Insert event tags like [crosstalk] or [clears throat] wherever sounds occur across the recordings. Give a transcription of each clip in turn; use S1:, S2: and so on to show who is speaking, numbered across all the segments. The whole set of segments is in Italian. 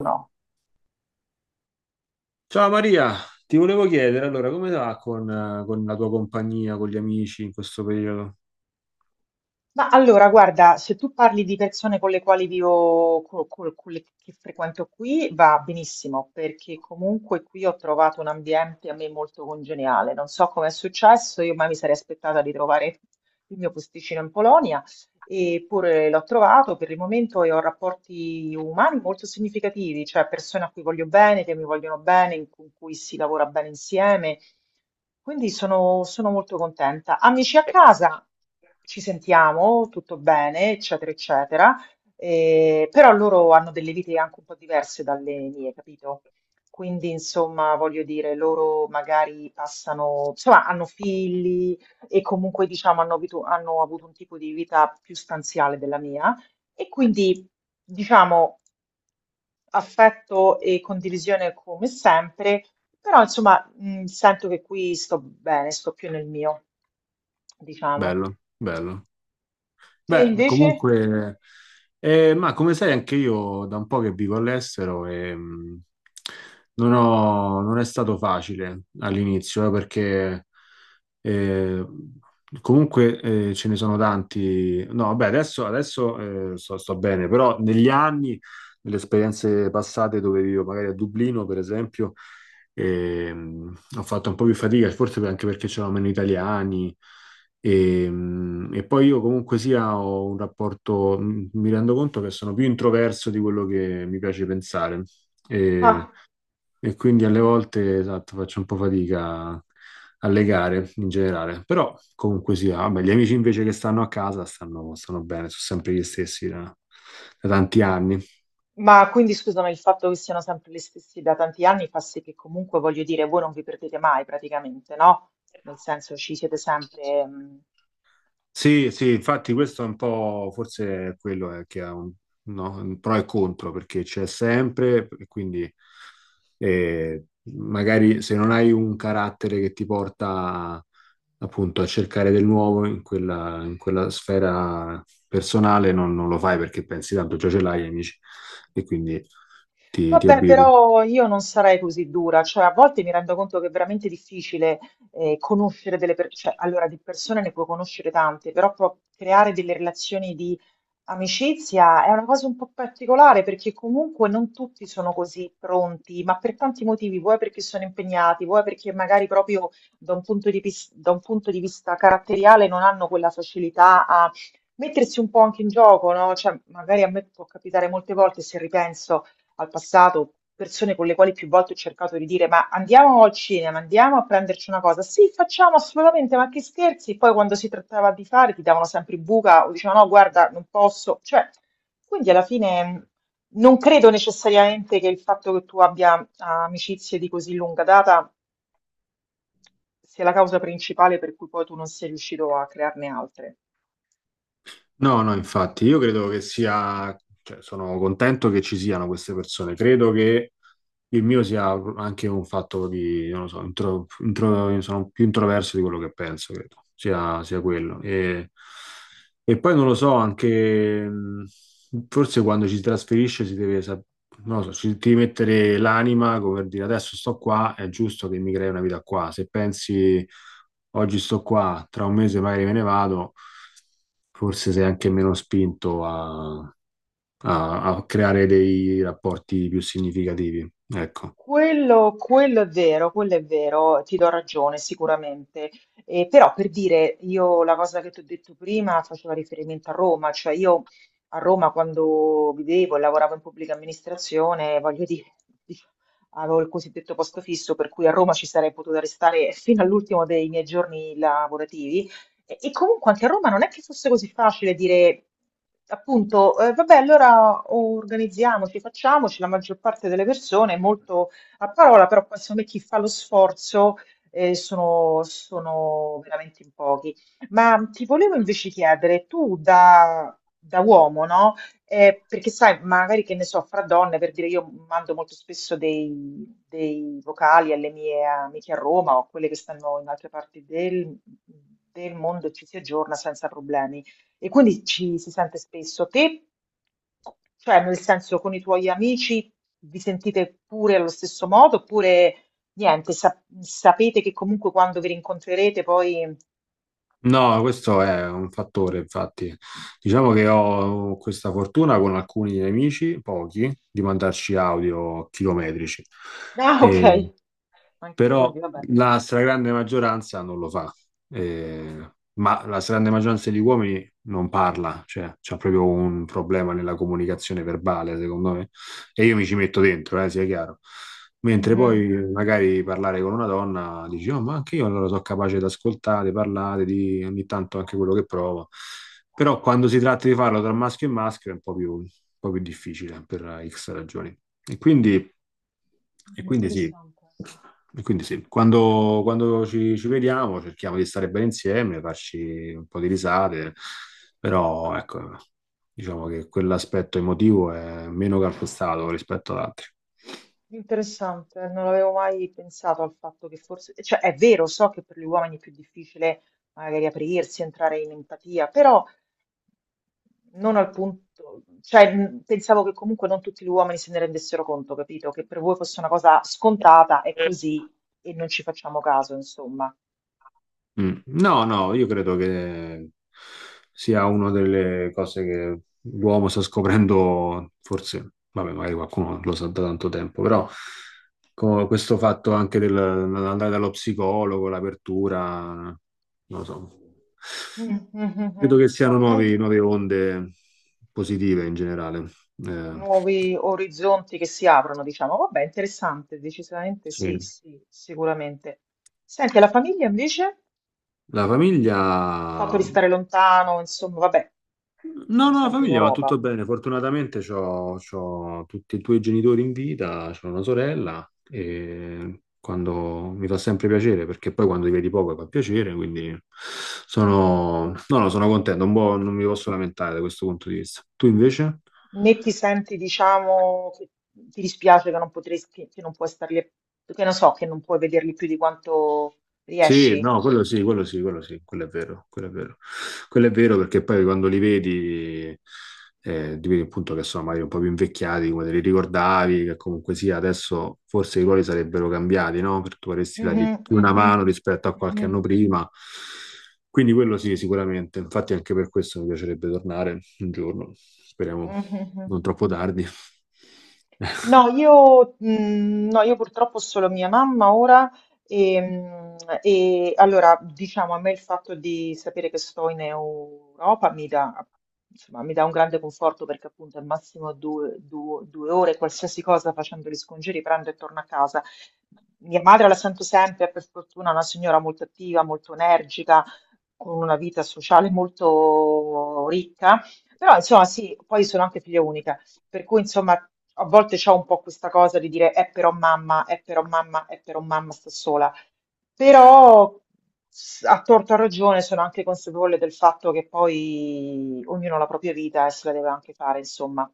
S1: No.
S2: Ciao Maria, ti volevo chiedere allora come va con la tua compagnia, con gli amici in questo periodo?
S1: Ma allora, guarda, se tu parli di persone con le quali vivo, con, le che frequento qui, va benissimo, perché comunque qui ho trovato un ambiente a me molto congeniale. Non so come è successo, io mai mi sarei aspettata di trovare il mio posticino in Polonia. Eppure l'ho trovato per il momento e ho rapporti umani molto significativi, cioè persone a cui voglio bene, che mi vogliono bene, con cui si lavora bene insieme. Quindi sono molto contenta. Amici a casa, ci sentiamo, tutto bene, eccetera, eccetera. Però loro hanno delle vite anche un po' diverse dalle mie, capito? Quindi, insomma, voglio dire, loro magari passano, insomma, hanno figli, e comunque diciamo hanno avuto un tipo di vita più stanziale della mia e quindi diciamo affetto e condivisione come sempre, però insomma sento che qui sto bene, sto più nel mio, diciamo.
S2: Bello, bello.
S1: Te
S2: Beh,
S1: invece?
S2: comunque, ma come sai, anche io da un po' che vivo all'estero e non è stato facile all'inizio, perché eh, comunque ce ne sono tanti. No, vabbè, adesso, adesso, sto, sto bene, però negli anni, nelle esperienze passate dove vivo, magari a Dublino, per esempio, ho fatto un po' più fatica, forse anche perché c'erano meno italiani. E poi io comunque sia ho un rapporto, mi rendo conto che sono più introverso di quello che mi piace pensare e,
S1: Ah,
S2: e quindi alle volte esatto, faccio un po' fatica a legare in generale, però comunque sia, vabbè, gli amici invece che stanno a casa stanno, stanno bene, sono sempre gli stessi da tanti anni.
S1: ma quindi scusami, il fatto che siano sempre gli stessi da tanti anni fa sì che comunque voglio dire, voi non vi perdete mai praticamente, no? Nel senso ci siete sempre.
S2: Sì, sì, infatti questo è un po', forse è quello che ha no, un pro e contro, perché c'è sempre, e quindi eh, magari se non hai un carattere che ti porta appunto a cercare del nuovo in quella sfera personale, non lo fai perché pensi tanto già ce l'hai, amici, e quindi ti
S1: Vabbè,
S2: abitui.
S1: però io non sarei così dura, cioè a volte mi rendo conto che è veramente difficile conoscere delle persone, allora di persone ne puoi conoscere tante, però creare delle relazioni di amicizia è una cosa un po' particolare perché comunque non tutti sono così pronti, ma per tanti motivi, vuoi perché sono impegnati, vuoi perché magari proprio da un punto di vista caratteriale non hanno quella facilità a mettersi un po' anche in gioco, no? Cioè magari a me può capitare molte volte se ripenso al passato, persone con le quali più volte ho cercato di dire ma andiamo al cinema, andiamo a prenderci una cosa. Sì, facciamo assolutamente, ma che scherzi. Poi quando si trattava di fare ti davano sempre buca o dicevano no, guarda, non posso. Cioè, quindi alla fine non credo necessariamente che il fatto che tu abbia amicizie di così lunga data sia la causa principale per cui poi tu non sei riuscito a crearne altre.
S2: No, no, infatti, io credo che sia, cioè, sono contento che ci siano queste persone, credo che il mio sia anche un fatto di, non lo so, sono più introverso di quello che penso, credo, sia quello. E poi non lo so, anche forse quando ci si trasferisce si deve, non lo so, ci devi mettere l'anima, come per dire adesso sto qua, è giusto che mi crei una vita qua. Se pensi oggi sto qua, tra un mese magari me ne vado, forse sei anche meno spinto a a creare dei rapporti più significativi. Ecco.
S1: Quello è vero, quello è vero, ti do ragione sicuramente. Però per dire, io la cosa che ti ho detto prima faceva riferimento a Roma, cioè io a Roma quando vivevo e lavoravo in pubblica amministrazione, voglio dire, dic- avevo il cosiddetto posto fisso, per cui a Roma ci sarei potuta restare fino all'ultimo dei miei giorni lavorativi. E comunque anche a Roma non è che fosse così facile dire, appunto, vabbè, allora organizziamoci, facciamoci, la maggior parte delle persone è molto a parola, però poi secondo me chi fa lo sforzo sono veramente in pochi. Ma ti volevo invece chiedere, tu da uomo, no? Perché sai, magari che ne so, fra donne, per dire, io mando molto spesso dei vocali alle mie amiche a Roma o a quelle che stanno in altre parti del mondo e ci si aggiorna senza problemi. E quindi ci si sente spesso. Te, cioè nel senso con i tuoi amici vi sentite pure allo stesso modo oppure niente, sapete che comunque quando vi rincontrerete poi [laughs]
S2: No, questo è un fattore, infatti. Diciamo che ho questa fortuna con alcuni amici, pochi, di mandarci audio chilometrici. Mm.
S1: Ah,
S2: E
S1: ok, anche
S2: però
S1: quindi vabbè.
S2: la stragrande maggioranza non lo fa. Ma la stragrande maggioranza degli uomini non parla, cioè c'è proprio un problema nella comunicazione verbale, secondo me, e io mi ci metto dentro, sia chiaro. Mentre
S1: Mhm.
S2: poi magari parlare con una donna dici, oh, ma anche io allora sono capace di ascoltare, parlare, di ogni tanto anche quello che provo. Però quando si tratta di farlo tra maschio e maschio è un po' più difficile per X ragioni. E quindi, e quindi sì,
S1: Interessante.
S2: e quindi sì. Quando ci vediamo cerchiamo di stare bene insieme, farci un po' di risate, però ecco, diciamo che quell'aspetto emotivo è meno calpestato rispetto ad altri.
S1: Interessante, non avevo mai pensato al fatto che forse, cioè è vero, so che per gli uomini è più difficile magari aprirsi, entrare in empatia, però non al punto, cioè pensavo che comunque non tutti gli uomini se ne rendessero conto, capito? Che per voi fosse una cosa scontata, è così e non ci facciamo caso, insomma.
S2: Mm. No, no, io credo che sia una delle cose che l'uomo sta scoprendo, forse, vabbè, magari qualcuno lo sa da tanto tempo, però questo fatto anche dell'andare dallo psicologo, l'apertura, non lo so,
S1: Mm, mm, mm,
S2: credo
S1: mm.
S2: che siano
S1: Ok,
S2: nuove onde positive in generale. Eh,
S1: nuovi orizzonti che si aprono, diciamo. Vabbè, interessante, decisamente
S2: sì.
S1: sì, sì, sicuramente. Senti, la famiglia invece?
S2: La
S1: Il fatto
S2: famiglia.
S1: di stare lontano, insomma, vabbè,
S2: No,
S1: siamo
S2: no, la
S1: sempre in
S2: famiglia va
S1: Europa.
S2: tutto bene. Fortunatamente c'ho tutti e due i genitori in vita, c'ho una sorella e quando mi fa sempre piacere, perché poi quando li vedi poco fa piacere, quindi no, no, sono contento, un po' non mi posso lamentare da questo punto di vista. Tu invece?
S1: Né ti senti, diciamo, che ti dispiace che non potresti, che non puoi starli, che non so, che non puoi vederli più di quanto
S2: Sì,
S1: riesci.
S2: no, quello sì, quello sì, quello sì, quello è vero, quello è vero. Quello è vero perché poi quando li vedi, ti vedi appunto che sono magari un po' più invecchiati, come te li ricordavi, che comunque sia, adesso forse i ruoli sarebbero cambiati, no? Perché vorresti
S1: Mhm,
S2: dargli più una
S1: mhm,
S2: mano rispetto a qualche
S1: mhm,
S2: anno prima. Quindi quello sì, sicuramente. Infatti anche per questo mi piacerebbe tornare un giorno, speriamo
S1: mhm, mhm,
S2: non
S1: mhm.
S2: troppo tardi.
S1: No, no, io purtroppo ho solo mia mamma ora e, mm, e allora diciamo a me il fatto di sapere che sto in Europa mi dà, insomma, mi dà un grande conforto perché appunto al massimo due ore qualsiasi cosa facendo gli scongiuri, prendo e torno a casa. Mia madre la sento sempre, per fortuna una signora molto attiva, molto energica, con una vita sociale molto ricca, però
S2: [laughs]
S1: insomma sì, poi sono anche figlia unica. Per cui, insomma, a volte c'ho un po' questa cosa di dire, è però mamma, è però mamma, è però mamma sta sola. Però, a torto a ragione, sono anche consapevole del fatto che poi ognuno ha la propria vita e se la deve anche fare, insomma.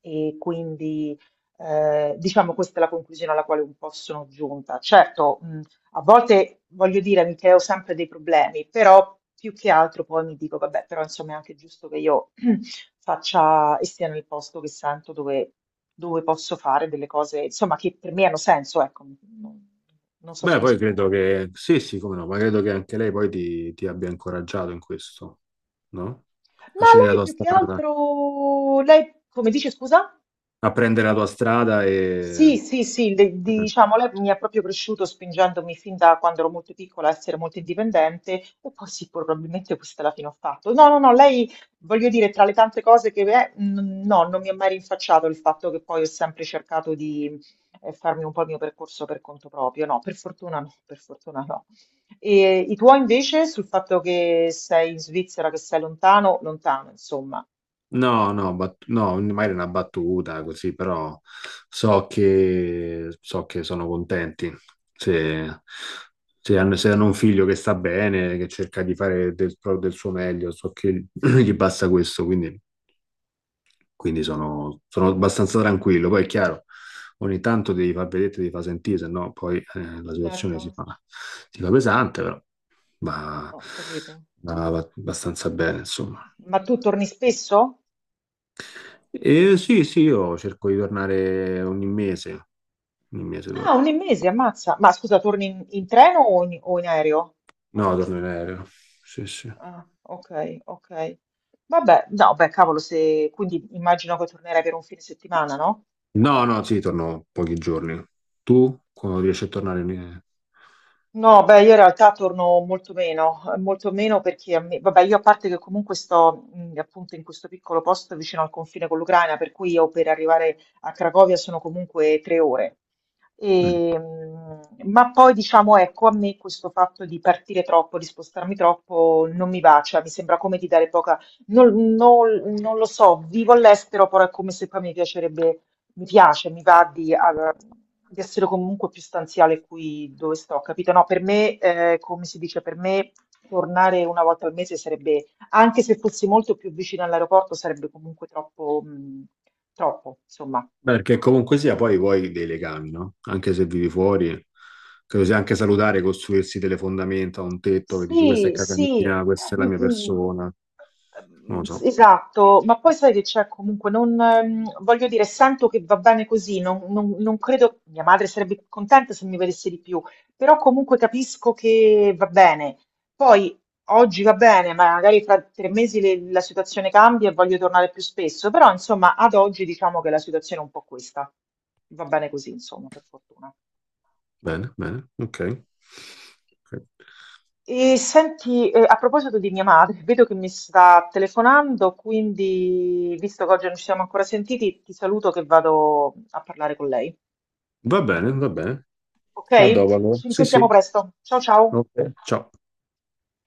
S1: E quindi, diciamo, questa è la conclusione alla quale un po' sono giunta. Certo, a volte voglio dire, mi creo sempre dei problemi, però più che altro poi mi dico, vabbè, però insomma è anche giusto che io faccia e stia nel posto che sento dove, dove posso fare delle cose, insomma, che per me hanno senso, ecco, non non so
S2: Beh,
S1: se mi
S2: poi credo
S1: spiego.
S2: che, sì, sì, come no, ma credo che anche lei poi ti abbia incoraggiato in questo, no? A
S1: Ma
S2: scegliere la
S1: lei
S2: tua
S1: più che
S2: strada,
S1: altro, lei come dice, scusa?
S2: a prendere la tua strada
S1: Sì,
S2: e...
S1: sì, sì, diciamo, lei mi ha proprio cresciuto spingendomi fin da quando ero molto piccola a essere molto indipendente e poi sì, probabilmente questa è la fine ho fatto. No, no, no, lei, voglio dire, tra le tante cose che è, no, non mi ha mai rinfacciato il fatto che poi ho sempre cercato di farmi un po' il mio percorso per conto proprio, no, per fortuna no, per fortuna no. E i tuoi invece sul fatto che sei in Svizzera, che sei lontano, lontano, insomma.
S2: No, no, no, magari una battuta così, però so che sono contenti. Se, se hanno un figlio che sta bene, che cerca di fare del suo meglio, so che [clears throat] gli basta questo, quindi sono, sono abbastanza tranquillo. Poi è chiaro, ogni tanto devi far vedere, devi far sentire, se no poi la
S1: Certo,
S2: situazione si fa pesante, però va,
S1: ho capito.
S2: va abbastanza bene, insomma.
S1: Ma tu torni spesso?
S2: E sì, sì, io cerco di tornare ogni mese
S1: Ah,
S2: torno.
S1: un mese, ammazza. Ma scusa, torni in treno o in aereo?
S2: No, torno in aereo, sì, sì.
S1: Ah, ok, ok. Vabbè, no, beh, cavolo, se... quindi immagino che tornerai per un fine settimana, no?
S2: No, no, sì, torno pochi giorni. Tu, quando riesci a tornare?
S1: No, beh, io in realtà torno molto meno perché a me, vabbè, io a parte che comunque sto appunto in questo piccolo posto vicino al confine con l'Ucraina, per cui io per arrivare a Cracovia sono comunque 3 ore.
S2: Mm.
S1: E, ma poi diciamo, ecco, a me questo fatto di partire troppo, di spostarmi troppo, non mi va, cioè mi sembra come di dare poca, non lo so, vivo all'estero, però è come se poi mi piace, mi va di, allora, di essere comunque più stanziale qui dove sto, capito? No, per me, come si dice, per me tornare una volta al mese sarebbe, anche se fossi molto più vicino all'aeroporto, sarebbe comunque troppo, troppo, insomma.
S2: Beh, perché comunque sia, poi vuoi dei legami, no? Anche se vivi fuori, credo sia anche salutare costruirsi delle fondamenta, un tetto che dici questa è
S1: Sì,
S2: casa
S1: sì,
S2: mia, questa è la
S1: mm,
S2: mia
S1: mm,
S2: persona. Non
S1: mm,
S2: lo so.
S1: esatto, ma poi sai che c'è comunque, non, voglio dire, sento che va bene così, non credo, mia madre sarebbe contenta se mi vedesse di più, però comunque capisco che va bene. Poi oggi va bene, ma magari fra 3 mesi la situazione cambia e voglio tornare più spesso, però insomma ad oggi diciamo che la situazione è un po' questa, va bene così, insomma, per fortuna.
S2: Bene, bene, ok. Ok.
S1: E senti, a proposito di mia madre, [laughs] vedo che mi sta telefonando, quindi visto che oggi non ci siamo ancora sentiti, ti saluto che vado a parlare con lei.
S2: Va bene, va bene.
S1: Ok?
S2: A dopo allora.
S1: Ci
S2: Sì, sì.
S1: risentiamo presto. Ciao ciao.
S2: Ok, ciao.